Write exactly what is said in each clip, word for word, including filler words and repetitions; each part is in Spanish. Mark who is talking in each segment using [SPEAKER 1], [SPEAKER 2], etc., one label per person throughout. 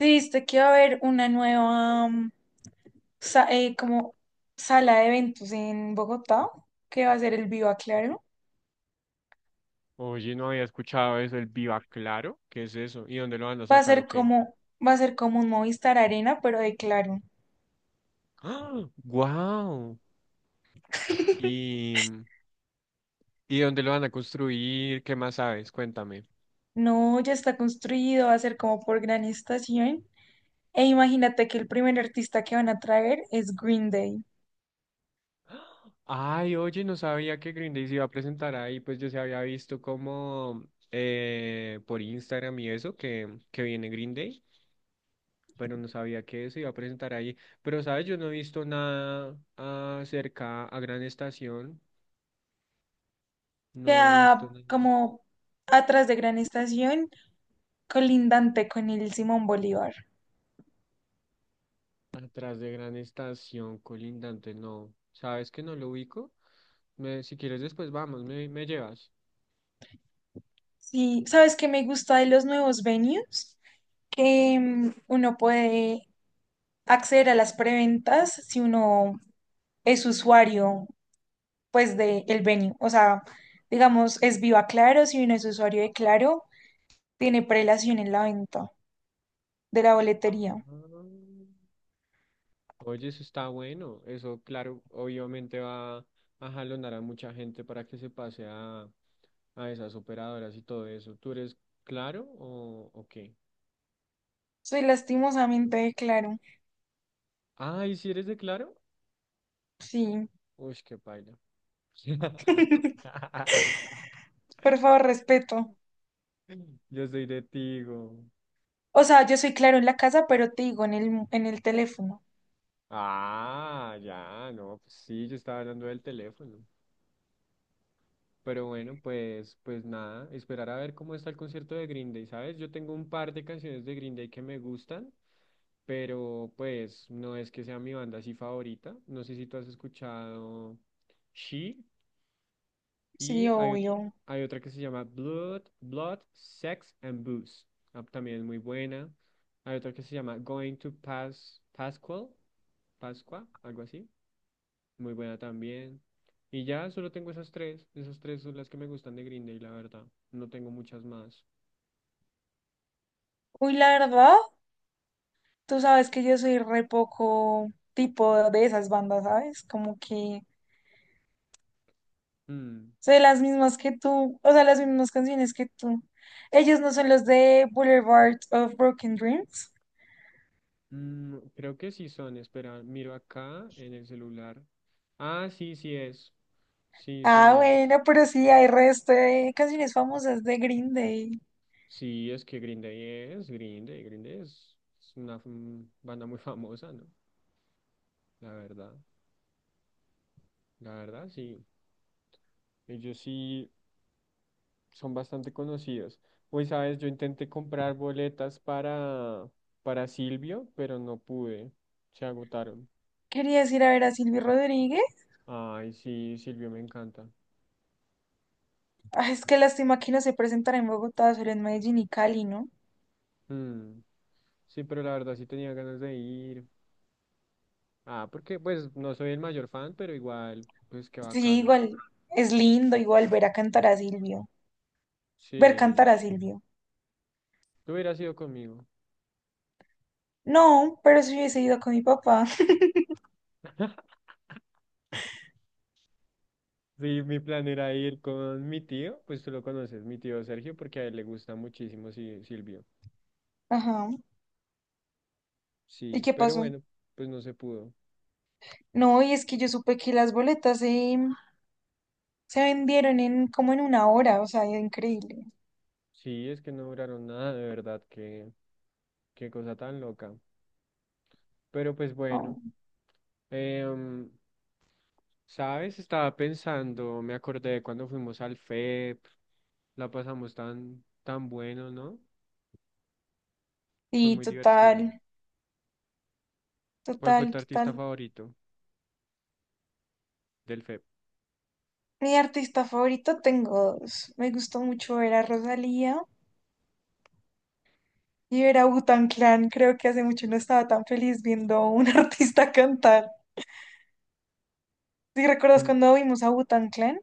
[SPEAKER 1] Viste que va a haber una nueva mm, sa- eh, como sala de eventos en Bogotá, que va a ser el Viva Claro.
[SPEAKER 2] Oye, no había escuchado eso, el Viva Claro. ¿Qué es eso? ¿Y dónde lo van a
[SPEAKER 1] Va a ser
[SPEAKER 2] sacar o qué?
[SPEAKER 1] como, va a ser como un Movistar Arena, pero de Claro.
[SPEAKER 2] ¡Ah! ¡Wow! ¿Y, y dónde lo van a construir? ¿Qué más sabes? Cuéntame.
[SPEAKER 1] No, ya está construido, va a ser como por gran estación. E imagínate que el primer artista que van a traer es Green Day.
[SPEAKER 2] Ay, oye, no sabía que Green Day se iba a presentar ahí, pues yo se había visto como eh, por Instagram y eso, que, que viene Green Day, pero no sabía que se iba a presentar ahí. Pero, ¿sabes? Yo no he visto nada acerca a Gran Estación, no he visto
[SPEAKER 1] Queda
[SPEAKER 2] nada.
[SPEAKER 1] como atrás de gran estación, colindante con el Simón Bolívar.
[SPEAKER 2] Atrás de Gran Estación, colindante, no. ¿Sabes que no lo ubico? Me, si quieres después vamos, me, me llevas.
[SPEAKER 1] Sí, ¿sabes qué me gusta de los nuevos venues? Que mm, uno puede acceder a las preventas si uno es usuario, pues, de el venue. O sea, digamos, es Viva Claro, si uno es usuario de Claro, tiene prelación en la venta de la boletería.
[SPEAKER 2] Ah. Oye, eso está bueno. Eso, claro, obviamente va a jalonar a mucha gente para que se pase a, a esas operadoras y todo eso. ¿Tú eres Claro o, o qué?
[SPEAKER 1] Soy lastimosamente de Claro.
[SPEAKER 2] Ah, ¿y si eres de Claro?
[SPEAKER 1] Sí.
[SPEAKER 2] Uy, qué paila.
[SPEAKER 1] Por favor, respeto.
[SPEAKER 2] Yo soy de Tigo.
[SPEAKER 1] O sea, yo soy Claro en la casa, pero te digo en el, en el teléfono.
[SPEAKER 2] Ah, ya, no, pues sí, yo estaba hablando del teléfono. Pero bueno, pues, pues nada, esperar a ver cómo está el concierto de Green Day, ¿sabes? Yo tengo un par de canciones de Green Day que me gustan, pero pues no es que sea mi banda así favorita. No sé si tú has escuchado She, y
[SPEAKER 1] Sí,
[SPEAKER 2] hay, ot-
[SPEAKER 1] obvio.
[SPEAKER 2] hay otra que se llama Blood, Blood, Sex and Booze. Ah, también es muy buena. Hay otra que se llama Going to Pas Pascual, Pascua, algo así. Muy buena también. Y ya solo tengo esas tres, esas tres son las que me gustan de Green Day, la verdad. No tengo muchas más.
[SPEAKER 1] Uy, la verdad, tú sabes que yo soy re poco tipo de esas bandas, ¿sabes? Como que
[SPEAKER 2] Mm,
[SPEAKER 1] sé las mismas que tú, o sea, las mismas canciones que tú. Ellos no son los de Boulevard of Broken Dreams.
[SPEAKER 2] mm, creo que sí son, espera, miro acá en el celular. Ah, sí, sí es. Sí, son
[SPEAKER 1] Ah,
[SPEAKER 2] ellos.
[SPEAKER 1] bueno, pero sí hay resto de canciones famosas de Green Day.
[SPEAKER 2] Sí, es que Green Day es, Green Day, Green Day es, es una mm, banda muy famosa, ¿no? La verdad, la verdad, sí. Ellos sí, son bastante conocidos. Hoy sabes, yo intenté comprar boletas para, para Silvio, pero no pude. Se agotaron.
[SPEAKER 1] Querías ir a ver a Silvio Rodríguez.
[SPEAKER 2] Ay, sí, Silvio me encanta.
[SPEAKER 1] Ah, es que lástima que no se presentará en Bogotá, solo en Medellín y Cali, ¿no?
[SPEAKER 2] Mm, sí, pero la verdad sí tenía ganas de ir. Ah, porque pues no soy el mayor fan, pero igual, pues qué
[SPEAKER 1] Sí,
[SPEAKER 2] bacano.
[SPEAKER 1] igual es lindo, igual ver a cantar a Silvio. Ver cantar
[SPEAKER 2] Sí,
[SPEAKER 1] a Silvio.
[SPEAKER 2] tú hubieras ido conmigo.
[SPEAKER 1] No, pero si hubiese ido con mi papá.
[SPEAKER 2] Sí, mi plan era ir con mi tío, pues tú lo conoces, mi tío Sergio, porque a él le gusta muchísimo Si- Silvio.
[SPEAKER 1] Ajá. ¿Y
[SPEAKER 2] Sí,
[SPEAKER 1] qué
[SPEAKER 2] pero
[SPEAKER 1] pasó?
[SPEAKER 2] bueno, pues no se pudo.
[SPEAKER 1] No, y es que yo supe que las boletas, eh, se vendieron en como en una hora, o sea, es increíble.
[SPEAKER 2] Sí, es que no duraron nada, de verdad, qué, qué cosa tan loca. Pero pues
[SPEAKER 1] Oh.
[SPEAKER 2] bueno, em, ¿sabes? Estaba pensando, me acordé de cuando fuimos al F E P, la pasamos tan, tan bueno, ¿no? Fue
[SPEAKER 1] Sí,
[SPEAKER 2] muy divertido.
[SPEAKER 1] total,
[SPEAKER 2] ¿Cuál fue
[SPEAKER 1] total,
[SPEAKER 2] tu artista
[SPEAKER 1] total.
[SPEAKER 2] favorito del F E P?
[SPEAKER 1] Mi artista favorito tengo dos. Me gustó mucho ver a Rosalía y ver a Wu Clan. Creo que hace mucho no estaba tan feliz viendo a un artista cantar. ¿Si recuerdas
[SPEAKER 2] Mm,
[SPEAKER 1] cuando vimos a Wu Clan?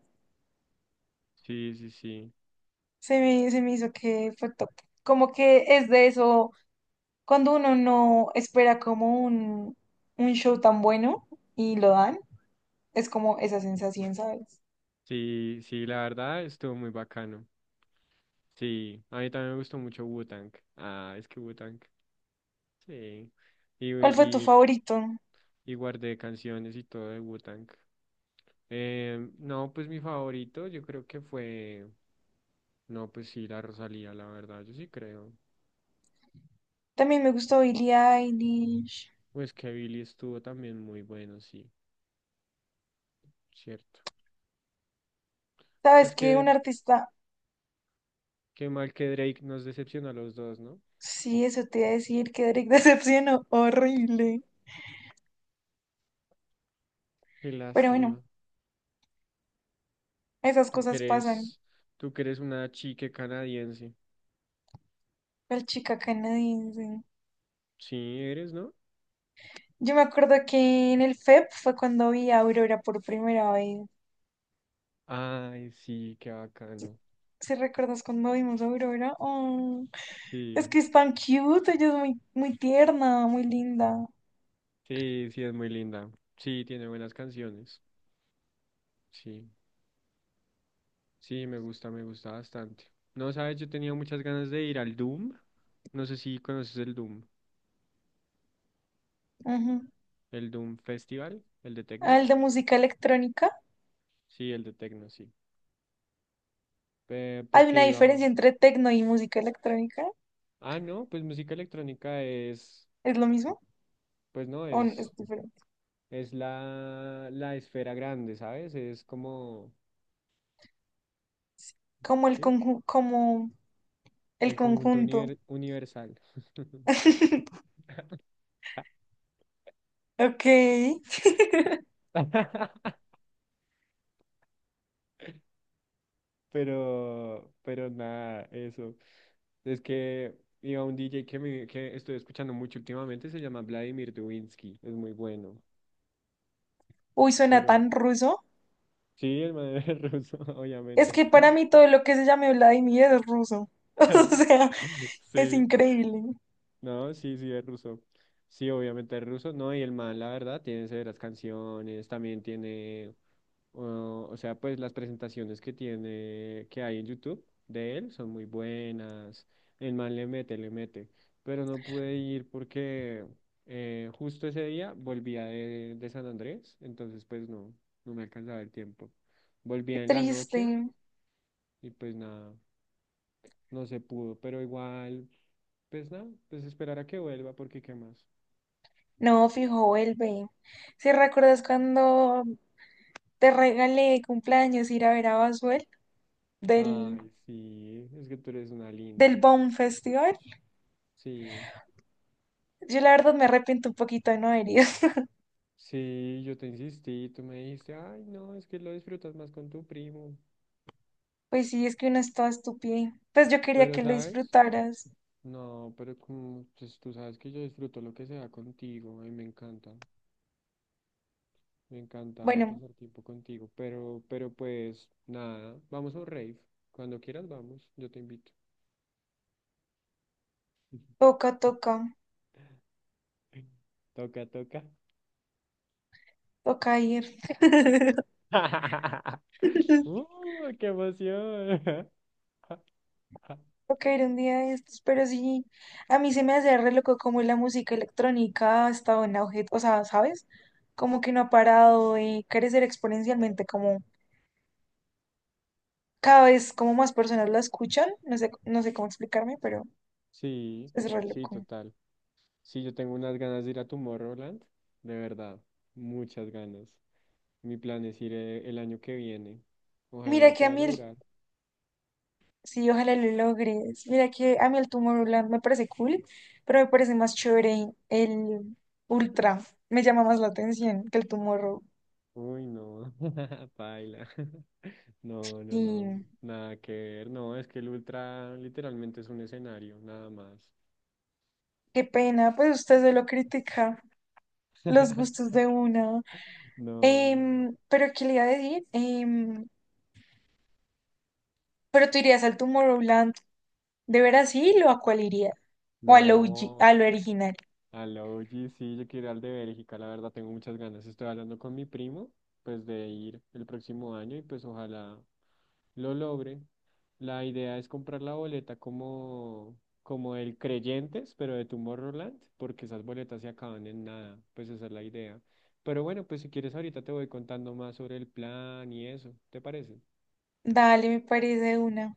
[SPEAKER 2] sí, sí, sí.
[SPEAKER 1] Se me, se me hizo que fue top. Como que es de eso, cuando uno no espera como un, un show tan bueno y lo dan, es como esa sensación, ¿sabes?
[SPEAKER 2] Sí, sí, la verdad estuvo muy bacano. Sí, a mí también me gustó mucho Wu-Tang. Ah, es que Wu-Tang. Sí. Y,
[SPEAKER 1] ¿Cuál fue tu
[SPEAKER 2] y,
[SPEAKER 1] favorito?
[SPEAKER 2] y guardé canciones y todo de Wu-Tang. Eh, no, pues mi favorito, yo creo que fue, no, pues sí, la Rosalía, la verdad, yo sí creo.
[SPEAKER 1] También me gustó Billie Eilish.
[SPEAKER 2] Pues que Billy estuvo también muy bueno, sí, cierto.
[SPEAKER 1] ¿Sabes
[SPEAKER 2] Pues
[SPEAKER 1] qué?
[SPEAKER 2] que,
[SPEAKER 1] Un artista.
[SPEAKER 2] qué mal que Drake nos decepcionó a los dos, ¿no?
[SPEAKER 1] Sí, eso te iba a decir, que Drake decepcionó. Horrible.
[SPEAKER 2] Qué
[SPEAKER 1] Pero bueno,
[SPEAKER 2] lástima.
[SPEAKER 1] esas
[SPEAKER 2] Tú que
[SPEAKER 1] cosas pasan.
[SPEAKER 2] eres, tú que eres una chique canadiense.
[SPEAKER 1] El chica canadiense.
[SPEAKER 2] Sí, eres, ¿no?
[SPEAKER 1] Yo me acuerdo que en el F E P fue cuando vi a Aurora por primera vez.
[SPEAKER 2] Ay, sí, qué bacano.
[SPEAKER 1] ¿Si recuerdas cuando vimos a Aurora? Oh. Es
[SPEAKER 2] Sí,
[SPEAKER 1] que es tan cute, ella es muy, muy tierna, muy linda.
[SPEAKER 2] sí, sí, es muy linda. Sí, tiene buenas canciones. Sí. Sí, me gusta, me gusta bastante. No, sabes, yo tenía muchas ganas de ir al Doom. No sé si conoces el Doom,
[SPEAKER 1] Ujú.
[SPEAKER 2] el Doom Festival, el de
[SPEAKER 1] Ah,
[SPEAKER 2] Tecno.
[SPEAKER 1] el de música electrónica.
[SPEAKER 2] Sí, el de Tecno, sí. Eh,
[SPEAKER 1] ¿Hay
[SPEAKER 2] porque
[SPEAKER 1] una
[SPEAKER 2] iba.
[SPEAKER 1] diferencia entre tecno y música electrónica?
[SPEAKER 2] Ah, no, pues música electrónica es,
[SPEAKER 1] ¿Es lo mismo?
[SPEAKER 2] pues no,
[SPEAKER 1] ¿O n- es
[SPEAKER 2] es,
[SPEAKER 1] diferente?
[SPEAKER 2] es la, la esfera grande, ¿sabes? Es como
[SPEAKER 1] Como el
[SPEAKER 2] ¿sí?
[SPEAKER 1] conju- como el
[SPEAKER 2] El conjunto
[SPEAKER 1] conjunto.
[SPEAKER 2] univer- universal.
[SPEAKER 1] Ok.
[SPEAKER 2] Pero, pero nada, eso. Es que iba un D J que, me- que estoy escuchando mucho últimamente, se llama Vladimir Dubinsky, es muy bueno.
[SPEAKER 1] Uy, suena
[SPEAKER 2] Pero
[SPEAKER 1] tan ruso.
[SPEAKER 2] sí, el man es ruso,
[SPEAKER 1] Es
[SPEAKER 2] obviamente.
[SPEAKER 1] que para mí todo lo que se llame Vladimir es ruso. O sea, es
[SPEAKER 2] Sí,
[SPEAKER 1] increíble.
[SPEAKER 2] no, sí, sí, es ruso. Sí, obviamente es ruso, no, y el man, la verdad, tiene severas canciones, también tiene o o sea, pues las presentaciones que tiene, que hay en YouTube de él son muy buenas. El man le mete, le mete. Pero no pude ir porque eh, justo ese día volvía de, de San Andrés, entonces pues no, no me alcanzaba el tiempo.
[SPEAKER 1] Qué
[SPEAKER 2] Volvía en la noche
[SPEAKER 1] triste.
[SPEAKER 2] y pues nada, no se pudo, pero igual, pues nada, pues esperar a que vuelva porque qué más.
[SPEAKER 1] No, fijo, vuelve. ¿Si recuerdas cuando te regalé de cumpleaños ir a ver a Basuel del,
[SPEAKER 2] Ay, sí, es que tú eres una
[SPEAKER 1] del
[SPEAKER 2] linda.
[SPEAKER 1] Baum Festival?
[SPEAKER 2] Sí.
[SPEAKER 1] Yo la verdad me arrepiento un poquito de no haber ido.
[SPEAKER 2] Sí, yo te insistí, tú me dijiste, ay, no, es que lo disfrutas más con tu primo.
[SPEAKER 1] Pues sí, es que uno es toda estúpida. Pues yo quería
[SPEAKER 2] Pero,
[SPEAKER 1] que lo
[SPEAKER 2] ¿sabes?
[SPEAKER 1] disfrutaras.
[SPEAKER 2] No, pero como, pues tú sabes que yo disfruto lo que sea contigo, y me encanta, me encanta
[SPEAKER 1] Bueno,
[SPEAKER 2] pasar tiempo contigo. Pero, pero pues, nada, vamos a un rave. Cuando quieras, vamos, yo te invito.
[SPEAKER 1] toca, toca,
[SPEAKER 2] Toca, toca.
[SPEAKER 1] toca ir.
[SPEAKER 2] ¡Uh, qué emoción!
[SPEAKER 1] Caer un día de estos, pero sí, a mí se me hace re loco como la música electrónica ha estado en auge, o sea, ¿sabes? Como que no ha parado de crecer exponencialmente, como cada vez como más personas la escuchan, no sé, no sé cómo explicarme, pero
[SPEAKER 2] Sí,
[SPEAKER 1] es re
[SPEAKER 2] sí,
[SPEAKER 1] loco.
[SPEAKER 2] total. Sí, yo tengo unas ganas de ir a Tomorrowland, de verdad, muchas ganas. Mi plan es ir eh, el año que viene. Ojalá
[SPEAKER 1] Mira
[SPEAKER 2] lo
[SPEAKER 1] que a
[SPEAKER 2] pueda
[SPEAKER 1] mí el,
[SPEAKER 2] lograr.
[SPEAKER 1] sí, ojalá lo logres, mira que a mí el Tomorrowland me parece cool, pero me parece más chévere el Ultra, me llama más la atención que el Tomorrow,
[SPEAKER 2] Uy, no, paila. No, no, no,
[SPEAKER 1] y
[SPEAKER 2] nada que ver. No, es que el Ultra literalmente es un escenario, nada más.
[SPEAKER 1] qué pena, pues usted se lo critica. Los gustos de una.
[SPEAKER 2] No,
[SPEAKER 1] Em, pero, ¿qué le iba a decir? Em, pero tú irías al Tomorrowland, ¿de veras sí? ¿O a cuál irías? ¿O al O G,
[SPEAKER 2] no.
[SPEAKER 1] al original?
[SPEAKER 2] Al O G, sí, yo quiero ir al de Bélgica, la verdad tengo muchas ganas. Estoy hablando con mi primo, pues de ir el próximo año y pues ojalá lo logre. La idea es comprar la boleta como, como el Creyentes, pero de Tomorrowland, porque esas boletas se acaban en nada, pues esa es la idea. Pero bueno, pues si quieres ahorita te voy contando más sobre el plan y eso, ¿te parece?
[SPEAKER 1] Dale, me parece de una.